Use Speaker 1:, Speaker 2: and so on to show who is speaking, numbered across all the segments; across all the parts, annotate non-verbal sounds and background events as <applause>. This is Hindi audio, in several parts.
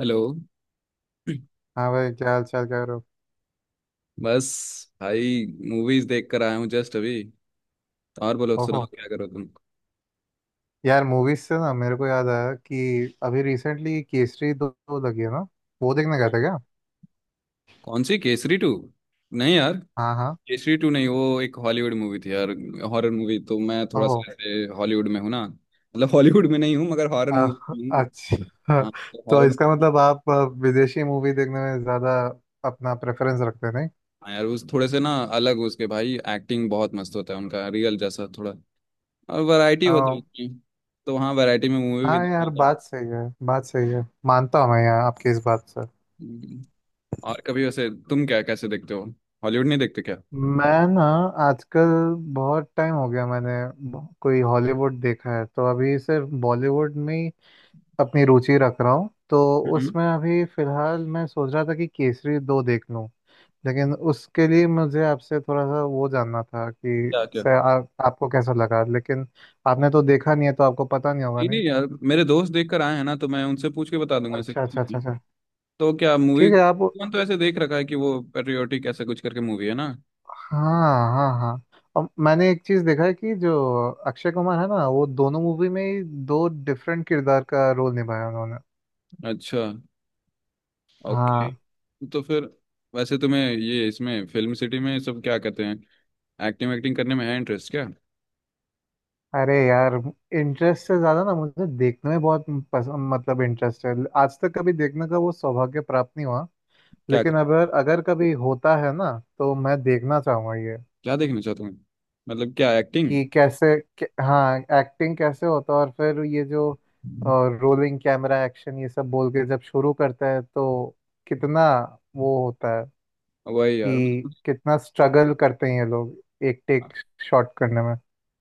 Speaker 1: हेलो।
Speaker 2: हाँ भाई, क्या हाल चाल कर रहे हो।
Speaker 1: बस, भाई मूवीज देख कर आया हूँ जस्ट अभी। और बोलो सुनाओ,
Speaker 2: ओहो,
Speaker 1: क्या करो तुम?
Speaker 2: यार मूवीज से ना मेरे को याद आया कि अभी रिसेंटली केसरी दो लगी है ना। वो देखने गए थे क्या।
Speaker 1: कौन सी केसरी टू? नहीं यार,
Speaker 2: हाँ हाँ।
Speaker 1: केसरी टू नहीं, वो एक हॉलीवुड मूवी थी यार। हॉरर मूवी, तो मैं थोड़ा
Speaker 2: ओहो।
Speaker 1: सा ऐसे हॉलीवुड में हूँ ना, मतलब हॉलीवुड में नहीं हूँ मगर हॉरर
Speaker 2: अ-
Speaker 1: मूवी हूँ।
Speaker 2: अच्छा।
Speaker 1: हाँ तो
Speaker 2: तो
Speaker 1: हॉरर।
Speaker 2: इसका मतलब आप विदेशी मूवी देखने में ज़्यादा अपना प्रेफरेंस रखते हैं, नहीं।
Speaker 1: हाँ यार, उस थोड़े से ना अलग उसके, भाई एक्टिंग बहुत मस्त होता है उनका, रियल जैसा थोड़ा। और वैरायटी होती है
Speaker 2: अ,
Speaker 1: उसकी। तो हाँ, वैरायटी में मूवी भी
Speaker 2: हाँ
Speaker 1: देख
Speaker 2: यार,
Speaker 1: लेता हूँ।
Speaker 2: बात सही है। बात सही है, मानता हूँ मैं यार आपकी इस बात से।
Speaker 1: हम्म, और कभी वैसे तुम क्या कैसे देखते हो? हॉलीवुड नहीं देखते क्या?
Speaker 2: मैं ना आजकल बहुत टाइम हो गया मैंने कोई हॉलीवुड देखा है, तो अभी सिर्फ बॉलीवुड में अपनी रुचि रख रहा हूँ तो।
Speaker 1: हम्म।
Speaker 2: उसमें अभी फिलहाल मैं सोच रहा था कि केसरी दो देख लूँ लेकिन उसके लिए मुझे आपसे थोड़ा सा वो जानना था कि
Speaker 1: क्या क्या?
Speaker 2: से आपको कैसा लगा, लेकिन आपने तो देखा नहीं है तो आपको पता नहीं होगा
Speaker 1: नहीं नहीं
Speaker 2: नहीं।
Speaker 1: यार, मेरे दोस्त देख कर आए हैं ना, तो मैं उनसे पूछ के बता दूंगा ऐसे
Speaker 2: अच्छा
Speaker 1: कुछ
Speaker 2: अच्छा
Speaker 1: भी।
Speaker 2: अच्छा अच्छा।
Speaker 1: तो क्या मूवी,
Speaker 2: ठीक है आप।
Speaker 1: कौन तो ऐसे देख रखा है कि वो पेट्रियोटिक ऐसा कुछ करके मूवी है ना।
Speaker 2: हाँ हाँ हाँ। और मैंने एक चीज़ देखा है कि जो अक्षय कुमार है ना वो दोनों मूवी में ही दो डिफरेंट किरदार का रोल निभाया उन्होंने।
Speaker 1: अच्छा, ओके।
Speaker 2: हाँ।
Speaker 1: तो फिर वैसे तुम्हें ये इसमें फिल्म सिटी में सब क्या कहते हैं, एक्टिंग एक्टिंग करने में है इंटरेस्ट क्या?
Speaker 2: अरे यार, इंटरेस्ट से ज्यादा ना मुझे देखने में बहुत पसंद, मतलब इंटरेस्ट है। आज तक कभी देखने का वो सौभाग्य प्राप्त नहीं हुआ।
Speaker 1: क्या
Speaker 2: लेकिन अगर अगर कभी होता है ना तो मैं देखना चाहूंगा ये
Speaker 1: क्या देखना चाहते हो? मतलब क्या एक्टिंग?
Speaker 2: कि कैसे हाँ एक्टिंग कैसे होता है, और फिर ये जो रोलिंग कैमरा एक्शन ये सब बोल के जब शुरू करता है तो कितना वो होता है,
Speaker 1: वही यार
Speaker 2: कि
Speaker 1: मतलब,
Speaker 2: कितना स्ट्रगल करते हैं ये लोग एक टेक शॉट करने में।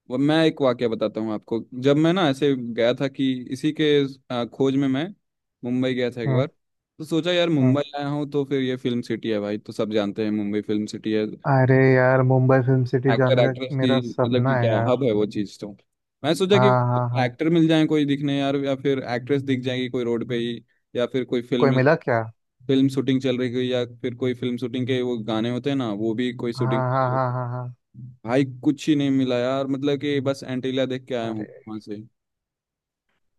Speaker 1: वो मैं एक वाक्य बताता हूँ आपको। जब मैं ना ऐसे गया था कि इसी के खोज में, मैं मुंबई गया था एक बार।
Speaker 2: हम्म
Speaker 1: तो सोचा यार,
Speaker 2: हम्म।
Speaker 1: मुंबई आया हूँ तो फिर ये फिल्म सिटी है भाई, तो सब जानते हैं मुंबई फिल्म सिटी है,
Speaker 2: अरे यार, मुंबई फिल्म सिटी
Speaker 1: एक्टर
Speaker 2: जाने का
Speaker 1: एक्ट्रेस
Speaker 2: मेरा
Speaker 1: की मतलब कि
Speaker 2: सपना है
Speaker 1: क्या हब
Speaker 2: यार।
Speaker 1: है वो चीज़। तो मैं सोचा कि
Speaker 2: हाँ हाँ हाँ।
Speaker 1: एक्टर मिल जाए कोई दिखने यार, या फिर एक्ट्रेस दिख जाएगी कोई रोड पे ही, या फिर कोई
Speaker 2: कोई
Speaker 1: फिल्म,
Speaker 2: मिला क्या।
Speaker 1: फिल्म शूटिंग चल रही हुई, या फिर कोई फिल्म शूटिंग के वो गाने होते हैं ना, वो भी कोई शूटिंग।
Speaker 2: हाँ हाँ हाँ हाँ हाँ।
Speaker 1: भाई कुछ ही नहीं मिला यार, मतलब कि बस एंटीला देख के आया हूँ
Speaker 2: अरे।
Speaker 1: वहां से।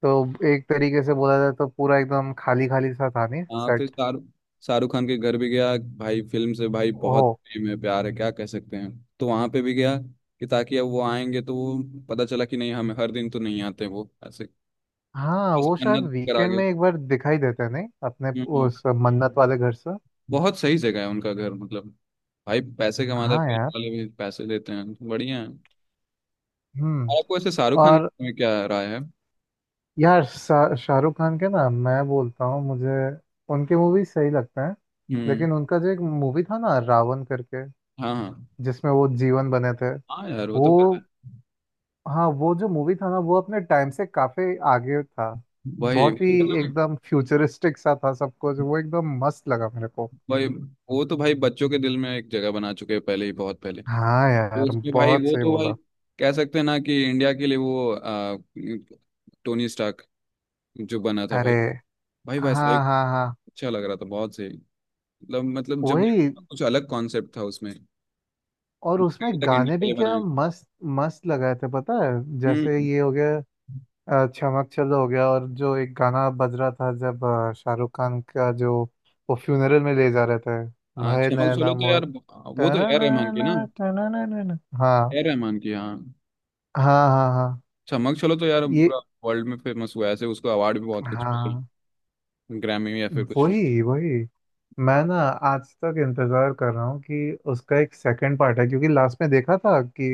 Speaker 2: तो एक तरीके से बोला जाए तो पूरा एकदम खाली खाली सा था नहीं
Speaker 1: हाँ,
Speaker 2: सेट।
Speaker 1: फिर शाहरुख शाहरुख खान के घर भी गया भाई, फिल्म से भाई बहुत
Speaker 2: ओह।
Speaker 1: प्रेम है, प्यार है क्या कह सकते हैं। तो वहां पे भी गया कि ताकि अब वो आएंगे तो वो, पता चला कि नहीं, हमें हर दिन तो नहीं आते वो ऐसे।
Speaker 2: हाँ
Speaker 1: बस
Speaker 2: वो शायद
Speaker 1: मन्नत करा
Speaker 2: वीकेंड
Speaker 1: गया।
Speaker 2: में एक बार दिखाई देते हैं, नहीं अपने
Speaker 1: हम्म, हम्म।
Speaker 2: उस मन्नत वाले घर से।
Speaker 1: बहुत सही जगह है उनका घर, मतलब भाई पैसे कमाते हैं,
Speaker 2: हाँ
Speaker 1: फिल्म
Speaker 2: यार।
Speaker 1: वाले भी पैसे देते हैं, बढ़िया है।
Speaker 2: हम्म।
Speaker 1: और आपको ऐसे शाहरुख खान के
Speaker 2: और
Speaker 1: बारे में क्या राय है?
Speaker 2: यार शाहरुख खान के ना मैं बोलता हूँ मुझे उनके मूवी सही लगते हैं।
Speaker 1: हम्म।
Speaker 2: लेकिन उनका जो एक मूवी था ना रावण करके,
Speaker 1: हाँ हाँ।
Speaker 2: जिसमें वो जीवन बने थे
Speaker 1: हाँ यार वो
Speaker 2: वो।
Speaker 1: तो पता है।
Speaker 2: हाँ, वो जो मूवी था ना वो अपने टाइम से काफी आगे था।
Speaker 1: वही।
Speaker 2: बहुत ही एकदम फ्यूचरिस्टिक सा था सब कुछ, वो एकदम मस्त लगा मेरे को।
Speaker 1: वही, वो तो भाई बच्चों के दिल में एक जगह बना चुके हैं पहले ही, बहुत पहले।
Speaker 2: हाँ
Speaker 1: तो
Speaker 2: यार,
Speaker 1: उसमें भाई
Speaker 2: बहुत
Speaker 1: वो
Speaker 2: सही
Speaker 1: तो भाई,
Speaker 2: बोला।
Speaker 1: कह सकते हैं ना कि इंडिया के लिए वो टोनी स्टार्क जो बना था
Speaker 2: अरे।
Speaker 1: भाई, भाई वैसा
Speaker 2: हाँ
Speaker 1: ही।
Speaker 2: हाँ हाँ।
Speaker 1: अच्छा लग रहा था, बहुत सही। मतलब जब
Speaker 2: वही।
Speaker 1: देखा कुछ अलग कॉन्सेप्ट था उसमें,
Speaker 2: और उसमें
Speaker 1: अभी तक इंडिया
Speaker 2: गाने
Speaker 1: के
Speaker 2: भी
Speaker 1: लिए
Speaker 2: क्या
Speaker 1: बनाए।
Speaker 2: मस्त मस्त लगाए थे, पता है। जैसे
Speaker 1: हम्म।
Speaker 2: ये हो गया, चमक चलो हो गया, और जो एक गाना बज रहा था जब शाहरुख खान का जो वो फ्यूनरल में ले जा रहे थे,
Speaker 1: हाँ,
Speaker 2: भय
Speaker 1: छमक चलो
Speaker 2: नैना
Speaker 1: तो
Speaker 2: मोर,
Speaker 1: यार, वो तो ए आर रहमान की ना।
Speaker 2: टननना, टनननना। हाँ
Speaker 1: ए आर रहमान की, हाँ।
Speaker 2: हाँ हाँ हाँ।
Speaker 1: छमक चलो तो यार
Speaker 2: ये।
Speaker 1: पूरा वर्ल्ड में फेमस हुआ है, ऐसे उसको अवार्ड भी बहुत कुछ मिले,
Speaker 2: हाँ।
Speaker 1: ग्रैमी या फिर कुछ में।
Speaker 2: वही वही। मैं ना आज तक इंतजार कर रहा हूँ कि उसका एक सेकंड पार्ट है क्योंकि लास्ट में देखा था कि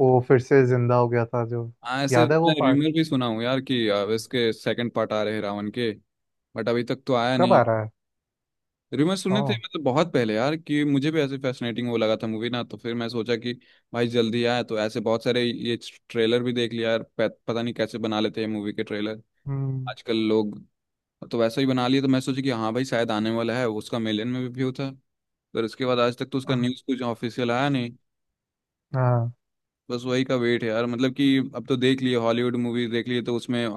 Speaker 2: वो फिर से जिंदा हो गया था जो।
Speaker 1: हाँ ऐसे
Speaker 2: याद है वो
Speaker 1: मैं
Speaker 2: पार्ट।
Speaker 1: र्यूमर भी सुना हूँ यार कि इसके सेकंड पार्ट आ रहे हैं रावण के, बट अभी तक तो आया
Speaker 2: कब
Speaker 1: नहीं।
Speaker 2: आ रहा है।
Speaker 1: रिमर सुने थे
Speaker 2: ओ।
Speaker 1: मतलब, बहुत पहले यार कि मुझे भी ऐसे फैसिनेटिंग वो लगा था मूवी ना, तो फिर मैं सोचा कि भाई जल्दी आए, तो ऐसे बहुत सारे ये ट्रेलर भी देख लिया यार। पता नहीं कैसे बना लेते हैं मूवी के ट्रेलर
Speaker 2: हम्म।
Speaker 1: आजकल लोग। तो वैसा ही बना लिए तो मैं सोचा कि हाँ भाई शायद आने वाला है, उसका मिलियन में भी व्यू था। पर उसके बाद आज तक तो उसका
Speaker 2: हाँ
Speaker 1: न्यूज़ कुछ ऑफिशियल आया नहीं।
Speaker 2: हाँ
Speaker 1: बस वही का वेट है यार, मतलब कि अब तो देख लिए हॉलीवुड मूवी, देख लिए तो उसमें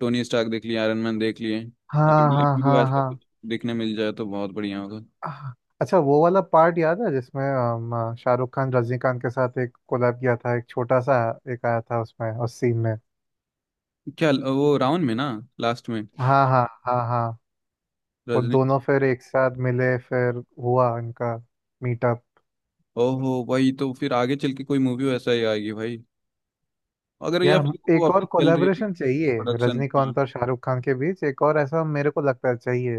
Speaker 1: टोनी स्टार्क देख लिए, आयरन मैन देख लिए, अब
Speaker 2: हाँ
Speaker 1: इंडिया
Speaker 2: हाँ
Speaker 1: में भी
Speaker 2: हाँ
Speaker 1: तो ऐसा
Speaker 2: हाँ।
Speaker 1: कुछ देखने मिल जाए तो बहुत बढ़िया होगा।
Speaker 2: आह। अच्छा, वो वाला पार्ट याद है जिसमें शाहरुख खान रजनीकांत के साथ एक कोलैब किया था, एक छोटा सा एक आया था उसमें उस सीन में।
Speaker 1: क्या, वो रावण में ना लास्ट में?
Speaker 2: हाँ हाँ हाँ हाँ। वो
Speaker 1: रजनी।
Speaker 2: दोनों फिर एक साथ मिले फिर हुआ इनका मीटअप।
Speaker 1: ओहो भाई, तो फिर आगे चल के कोई मूवी वैसा ही आएगी भाई, अगर, या
Speaker 2: यार
Speaker 1: फिर वो
Speaker 2: एक और
Speaker 1: अपनी चल रही है
Speaker 2: कोलैबोरेशन चाहिए
Speaker 1: प्रोडक्शन। हाँ।
Speaker 2: रजनीकांत और शाहरुख खान के बीच, एक और ऐसा मेरे को लगता है चाहिए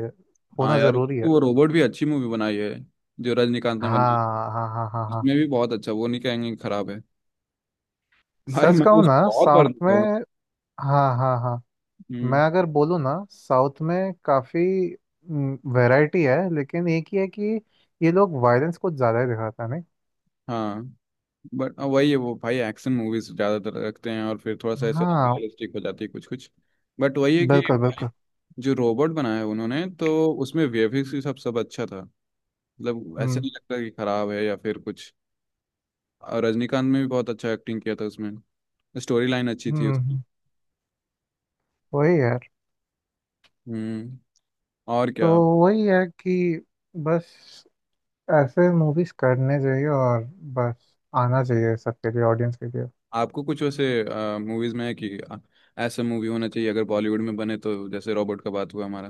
Speaker 1: हाँ
Speaker 2: होना
Speaker 1: यार,
Speaker 2: जरूरी
Speaker 1: क्योंकि
Speaker 2: है।
Speaker 1: वो रोबोट भी अच्छी मूवी बनाई है जो रजनीकांत ने बनाई।
Speaker 2: हाँ हाँ हाँ हाँ हाँ।
Speaker 1: इसमें भी बहुत अच्छा, वो नहीं कहेंगे कि खराब है भाई,
Speaker 2: सच
Speaker 1: मैं
Speaker 2: कहूँ
Speaker 1: उस
Speaker 2: ना
Speaker 1: बहुत बार
Speaker 2: साउथ
Speaker 1: देखा हूँ।
Speaker 2: में। हाँ हाँ हाँ। मैं
Speaker 1: हम्म।
Speaker 2: अगर बोलूँ ना साउथ में काफ़ी वैरायटी है, लेकिन एक ही है कि ये लोग वायलेंस कुछ ज़्यादा ही दिखाते हैं नहीं।
Speaker 1: हाँ, बट वही है वो भाई, एक्शन मूवीज ज्यादातर रखते हैं और फिर थोड़ा सा ऐसे
Speaker 2: हाँ।
Speaker 1: अनरियलिस्टिक हो जाती है कुछ कुछ। बट वही है कि
Speaker 2: बिल्कुल
Speaker 1: भाई,
Speaker 2: बिल्कुल।
Speaker 1: जो रोबोट बनाया है उन्होंने तो, उसमें वीएफएक्स भी सब सब अच्छा था। मतलब ऐसे
Speaker 2: हम्म
Speaker 1: नहीं लगता कि खराब है या फिर कुछ, और रजनीकांत ने भी बहुत अच्छा एक्टिंग किया था उसमें, स्टोरी लाइन अच्छी थी
Speaker 2: हम्म
Speaker 1: उसकी।
Speaker 2: हम्म, वही यार।
Speaker 1: हम्म। और
Speaker 2: तो
Speaker 1: क्या?
Speaker 2: वही है कि बस ऐसे मूवीज करने चाहिए, और बस आना चाहिए सबके लिए ऑडियंस के लिए।
Speaker 1: आपको कुछ वैसे मूवीज में है कि ऐसा मूवी होना चाहिए अगर बॉलीवुड में बने, तो जैसे रोबोट का बात हुआ हमारा।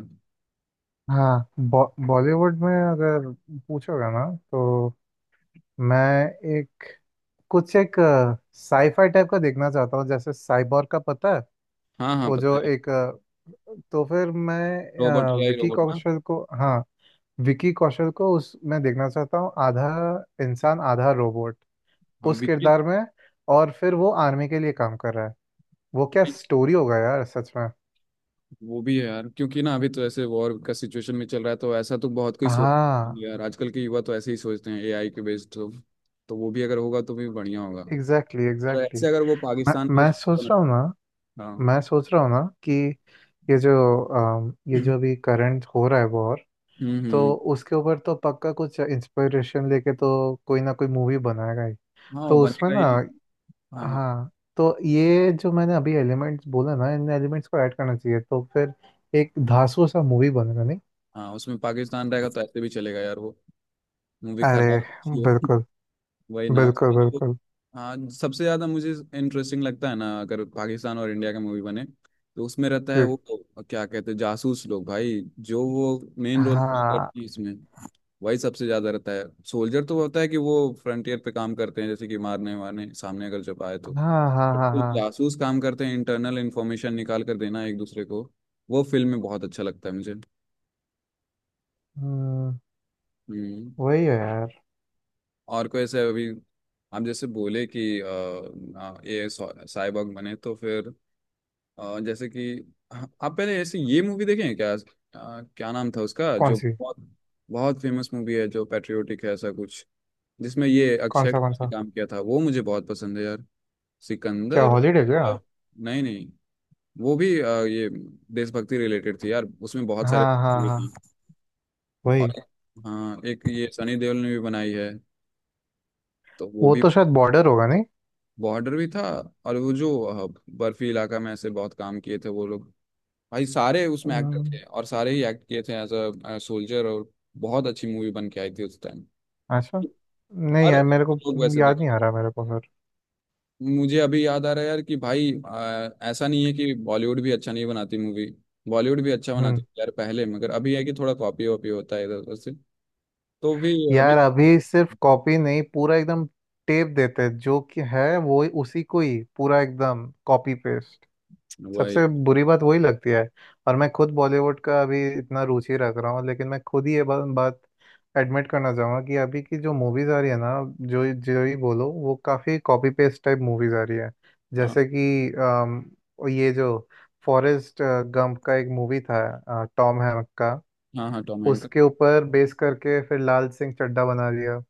Speaker 2: हाँ बॉ बॉलीवुड में अगर पूछोगे ना तो मैं एक कुछ एक साईफाई टाइप का देखना चाहता हूँ, जैसे साइबोर का पता है।
Speaker 1: हाँ हाँ,
Speaker 2: वो जो
Speaker 1: पता है।
Speaker 2: एक तो फिर मैं
Speaker 1: रोबोट, या
Speaker 2: विकी
Speaker 1: रोबोट ना।
Speaker 2: कौशल को, हाँ विकी कौशल को उस मैं देखना चाहता हूँ, आधा इंसान आधा रोबोट
Speaker 1: हाँ
Speaker 2: उस
Speaker 1: विक्की।
Speaker 2: किरदार में, और फिर वो आर्मी के लिए काम कर रहा है। वो क्या
Speaker 1: विक्की-
Speaker 2: स्टोरी होगा यार सच में।
Speaker 1: वो भी है यार, क्योंकि ना अभी तो ऐसे वॉर का सिचुएशन में चल रहा है, तो ऐसा तो बहुत कोई सोच,
Speaker 2: हाँ,
Speaker 1: नहीं यार आजकल के युवा तो ऐसे ही सोचते हैं एआई के बेस्ड। तो वो भी अगर होगा तो भी बढ़िया होगा।
Speaker 2: एग्जैक्टली
Speaker 1: और
Speaker 2: एग्जैक्टली।
Speaker 1: ऐसे अगर वो
Speaker 2: मैं
Speaker 1: पाकिस्तान की।
Speaker 2: मैं सोच रहा हूँ ना।
Speaker 1: हाँ।
Speaker 2: मैं सोच रहा हूँ ना कि ये जो ये
Speaker 1: हम्म,
Speaker 2: जो अभी करंट हो रहा है वॉर, तो
Speaker 1: हम्म।
Speaker 2: उसके ऊपर तो पक्का कुछ इंस्पिरेशन लेके तो कोई ना कोई मूवी बनाएगा ही।
Speaker 1: हाँ वो
Speaker 2: तो उसमें
Speaker 1: बनेगा
Speaker 2: ना।
Speaker 1: ही। हाँ
Speaker 2: हाँ। तो ये जो मैंने अभी एलिमेंट्स बोला ना, इन एलिमेंट्स को ऐड करना चाहिए तो फिर एक धांसू सा मूवी बनेगा नहीं।
Speaker 1: हाँ, उसमें पाकिस्तान रहेगा तो ऐसे भी चलेगा यार, वो मूवी
Speaker 2: अरे
Speaker 1: खराब अच्छी हो।
Speaker 2: बिल्कुल।
Speaker 1: <laughs> वही ना
Speaker 2: बिल्कुल
Speaker 1: उसमें जो,
Speaker 2: बिल्कुल।
Speaker 1: हाँ सबसे ज्यादा मुझे इंटरेस्टिंग लगता है ना अगर पाकिस्तान और इंडिया का मूवी बने, तो उसमें रहता
Speaker 2: जी।
Speaker 1: है वो, क्या कहते हैं, जासूस लोग भाई, जो वो मेन रोल प्ले
Speaker 2: हाँ
Speaker 1: करती है इसमें। वही सबसे ज्यादा रहता है। सोल्जर तो होता है कि वो फ्रंटियर पे काम करते हैं, जैसे कि मारने वारने सामने अगर जब आए तो,
Speaker 2: हाँ हाँ हाँ
Speaker 1: जो
Speaker 2: हाँ।
Speaker 1: जासूस काम करते हैं इंटरनल इंफॉर्मेशन निकाल कर देना एक दूसरे को, वो फिल्म में बहुत अच्छा लगता है मुझे।
Speaker 2: हम्म,
Speaker 1: हम्म।
Speaker 2: वही है यार।
Speaker 1: और कोई ऐसे अभी, आप जैसे बोले कि ये साइबॉग बने तो फिर, जैसे कि आप पहले ऐसे ये मूवी देखे हैं क्या, क्या नाम था उसका,
Speaker 2: कौन
Speaker 1: जो
Speaker 2: सी।
Speaker 1: बहुत बहुत फेमस मूवी है जो पैट्रियोटिक है ऐसा कुछ, जिसमें ये
Speaker 2: कौन
Speaker 1: अक्षय
Speaker 2: सा कौन
Speaker 1: कुमार ने
Speaker 2: सा।
Speaker 1: काम किया था, वो मुझे बहुत पसंद है यार।
Speaker 2: क्या
Speaker 1: सिकंदर।
Speaker 2: हॉलीडे क्या।
Speaker 1: नहीं नहीं, वो भी ये देशभक्ति रिलेटेड थी यार, उसमें बहुत सारे
Speaker 2: हाँ हाँ
Speaker 1: भी थी।
Speaker 2: हाँ।
Speaker 1: और
Speaker 2: वही।
Speaker 1: हाँ, एक ये सनी देओल ने भी बनाई है तो वो
Speaker 2: वो
Speaker 1: भी।
Speaker 2: तो शायद बॉर्डर होगा नहीं।
Speaker 1: बॉर्डर भी था। और वो जो बर्फी इलाका में ऐसे बहुत काम किए थे वो लोग, भाई सारे उसमें एक्टर
Speaker 2: हम्म,
Speaker 1: थे और सारे ही एक्ट किए थे एज अ सोल्जर, और बहुत अच्छी मूवी बन के आई थी उस टाइम।
Speaker 2: अच्छा। नहीं
Speaker 1: हर
Speaker 2: यार मेरे को
Speaker 1: लोग वैसे
Speaker 2: याद
Speaker 1: देख,
Speaker 2: नहीं आ रहा मेरे को।
Speaker 1: मुझे अभी याद आ रहा है यार कि भाई ऐसा नहीं है कि बॉलीवुड भी अच्छा नहीं बनाती मूवी, बॉलीवुड भी अच्छा
Speaker 2: फिर।
Speaker 1: बनाती थी यार पहले, मगर अभी है कि थोड़ा कॉपी वॉपी होता है इधर उधर से। तो भी अभी
Speaker 2: यार अभी सिर्फ कॉपी नहीं, पूरा एकदम टेप देते हैं, जो कि है वो उसी को ही पूरा एकदम कॉपी पेस्ट।
Speaker 1: वही।
Speaker 2: सबसे बुरी बात वही लगती है। और मैं खुद बॉलीवुड का अभी इतना रुचि रख रहा हूँ, लेकिन मैं खुद ही ये बात एडमिट करना चाहूँगा कि अभी की जो मूवीज आ रही है ना, जो जो ही बोलो वो काफ़ी कॉपी पेस्ट टाइप मूवीज आ रही है।
Speaker 1: हाँ
Speaker 2: जैसे कि ये जो फॉरेस्ट गंप का एक मूवी था टॉम हैंक का,
Speaker 1: हाँ, हाँ टॉम हैंक का।
Speaker 2: उसके ऊपर बेस करके फिर लाल सिंह चड्ढा बना दिया।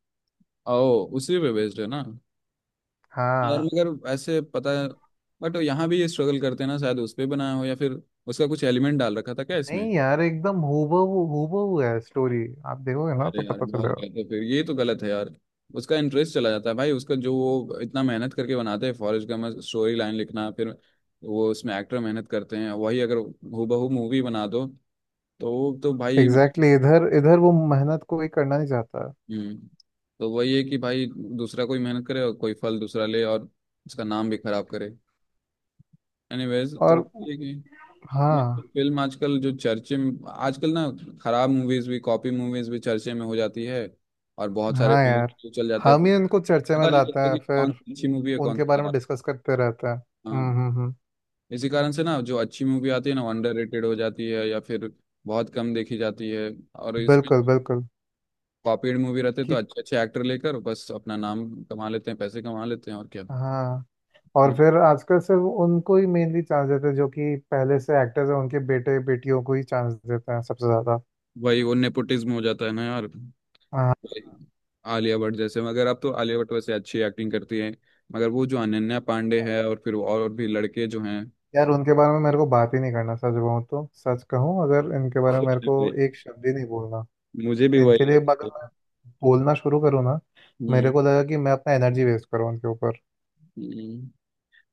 Speaker 1: ओ उसी पे बेस्ड है ना? यार
Speaker 2: हाँ।
Speaker 1: मगर ऐसे पता है, बट यहाँ भी ये स्ट्रगल करते हैं ना, शायद उस पे बनाया हो या फिर उसका कुछ एलिमेंट डाल रखा था क्या
Speaker 2: नहीं
Speaker 1: इसमें?
Speaker 2: यार एकदम हूबहू हूबहू है स्टोरी। आप देखोगे ना
Speaker 1: अरे
Speaker 2: तो
Speaker 1: यार
Speaker 2: पता
Speaker 1: बहुत
Speaker 2: चलेगा।
Speaker 1: गलत है फिर, ये तो गलत है यार। उसका इंटरेस्ट चला जाता है भाई, उसका जो वो इतना मेहनत करके बनाते हैं फॉरेस्ट गम स्टोरी लाइन लिखना, फिर वो उसमें एक्टर मेहनत करते हैं, वही अगर हूबहू मूवी बना दो तो वो तो भाई।
Speaker 2: एग्जैक्टली exactly, इधर इधर वो मेहनत कोई करना नहीं चाहता।
Speaker 1: हम्म। तो वही है कि भाई, दूसरा कोई मेहनत करे और कोई फल दूसरा ले, और उसका नाम भी खराब करे। एनीवेज, तो
Speaker 2: और।
Speaker 1: ये है कि
Speaker 2: हाँ।
Speaker 1: फिल्म आजकल जो चर्चे में आजकल ना, खराब मूवीज भी, कॉपी मूवीज भी चर्चे में हो जाती है, और बहुत सारे
Speaker 2: हाँ यार,
Speaker 1: फिल्म चल जाते हैं।
Speaker 2: हम
Speaker 1: तो
Speaker 2: ही उनको चर्चा में
Speaker 1: पता नहीं
Speaker 2: लाते
Speaker 1: चलता
Speaker 2: हैं
Speaker 1: कि कौन
Speaker 2: फिर।
Speaker 1: सी अच्छी मूवी है कौन
Speaker 2: उनके
Speaker 1: सी
Speaker 2: बारे में
Speaker 1: खराब।
Speaker 2: डिस्कस करते रहते हैं।
Speaker 1: हाँ।
Speaker 2: हम्म।
Speaker 1: इसी कारण से ना, जो अच्छी मूवी आती है ना अंडर रेटेड हो जाती है, या फिर बहुत कम देखी जाती है। और इसमें
Speaker 2: बिल्कुल बिल्कुल।
Speaker 1: कॉपीड मूवी रहते तो
Speaker 2: कि।
Speaker 1: अच्छे अच्छे एक्टर लेकर बस अपना नाम कमा लेते हैं, पैसे कमा लेते हैं, और क्या।
Speaker 2: हाँ। और
Speaker 1: हम्म,
Speaker 2: फिर आजकल सिर्फ उनको ही मेनली चांस देते हैं, जो कि पहले से एक्टर्स हैं उनके बेटे बेटियों को ही चांस देते हैं सबसे ज्यादा।
Speaker 1: वही वो नेपोटिज्म हो जाता है ना यार।
Speaker 2: हाँ
Speaker 1: वही, आलिया भट्ट जैसे, मगर अब तो आलिया भट्ट वैसे अच्छी एक्टिंग करती है, मगर वो जो अनन्या पांडे है, और फिर और भी लड़के जो हैं,
Speaker 2: यार, उनके बारे में मेरे को बात ही नहीं करना। सच कहूँ तो, सच कहूँ अगर इनके बारे में
Speaker 1: खुद
Speaker 2: मेरे
Speaker 1: ने
Speaker 2: को
Speaker 1: वही,
Speaker 2: एक शब्द ही नहीं बोलना।
Speaker 1: मुझे भी वही
Speaker 2: इनके लिए
Speaker 1: लगता
Speaker 2: अगर
Speaker 1: है।
Speaker 2: मैं बोलना शुरू करूँ ना, मेरे
Speaker 1: हम्म।
Speaker 2: को लगा कि मैं अपना एनर्जी वेस्ट करूँ उनके ऊपर।
Speaker 1: हम्म,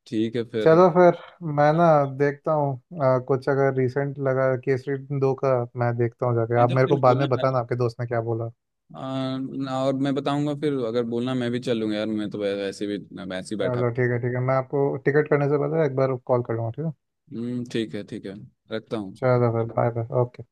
Speaker 1: ठीक है फिर।
Speaker 2: चलो फिर। मैं ना देखता हूँ कुछ अगर रिसेंट लगा केसरी दो का, मैं देखता हूँ जाके,
Speaker 1: नहीं
Speaker 2: आप
Speaker 1: तो
Speaker 2: मेरे
Speaker 1: फिर
Speaker 2: को बाद
Speaker 1: बोलना
Speaker 2: में
Speaker 1: यार,
Speaker 2: बताना आपके दोस्त ने क्या बोला।
Speaker 1: और मैं बताऊंगा। फिर अगर बोलना मैं भी चलूंगा यार, मैं तो वैसे भी वैसे ही बैठा
Speaker 2: चलो ठीक है ठीक है, मैं आपको टिकट करने से पहले एक बार कॉल कर लूँगा ठीक है।
Speaker 1: हूँ। हम्म, ठीक है ठीक है, रखता हूँ।
Speaker 2: चलो फिर बाय बाय ओके।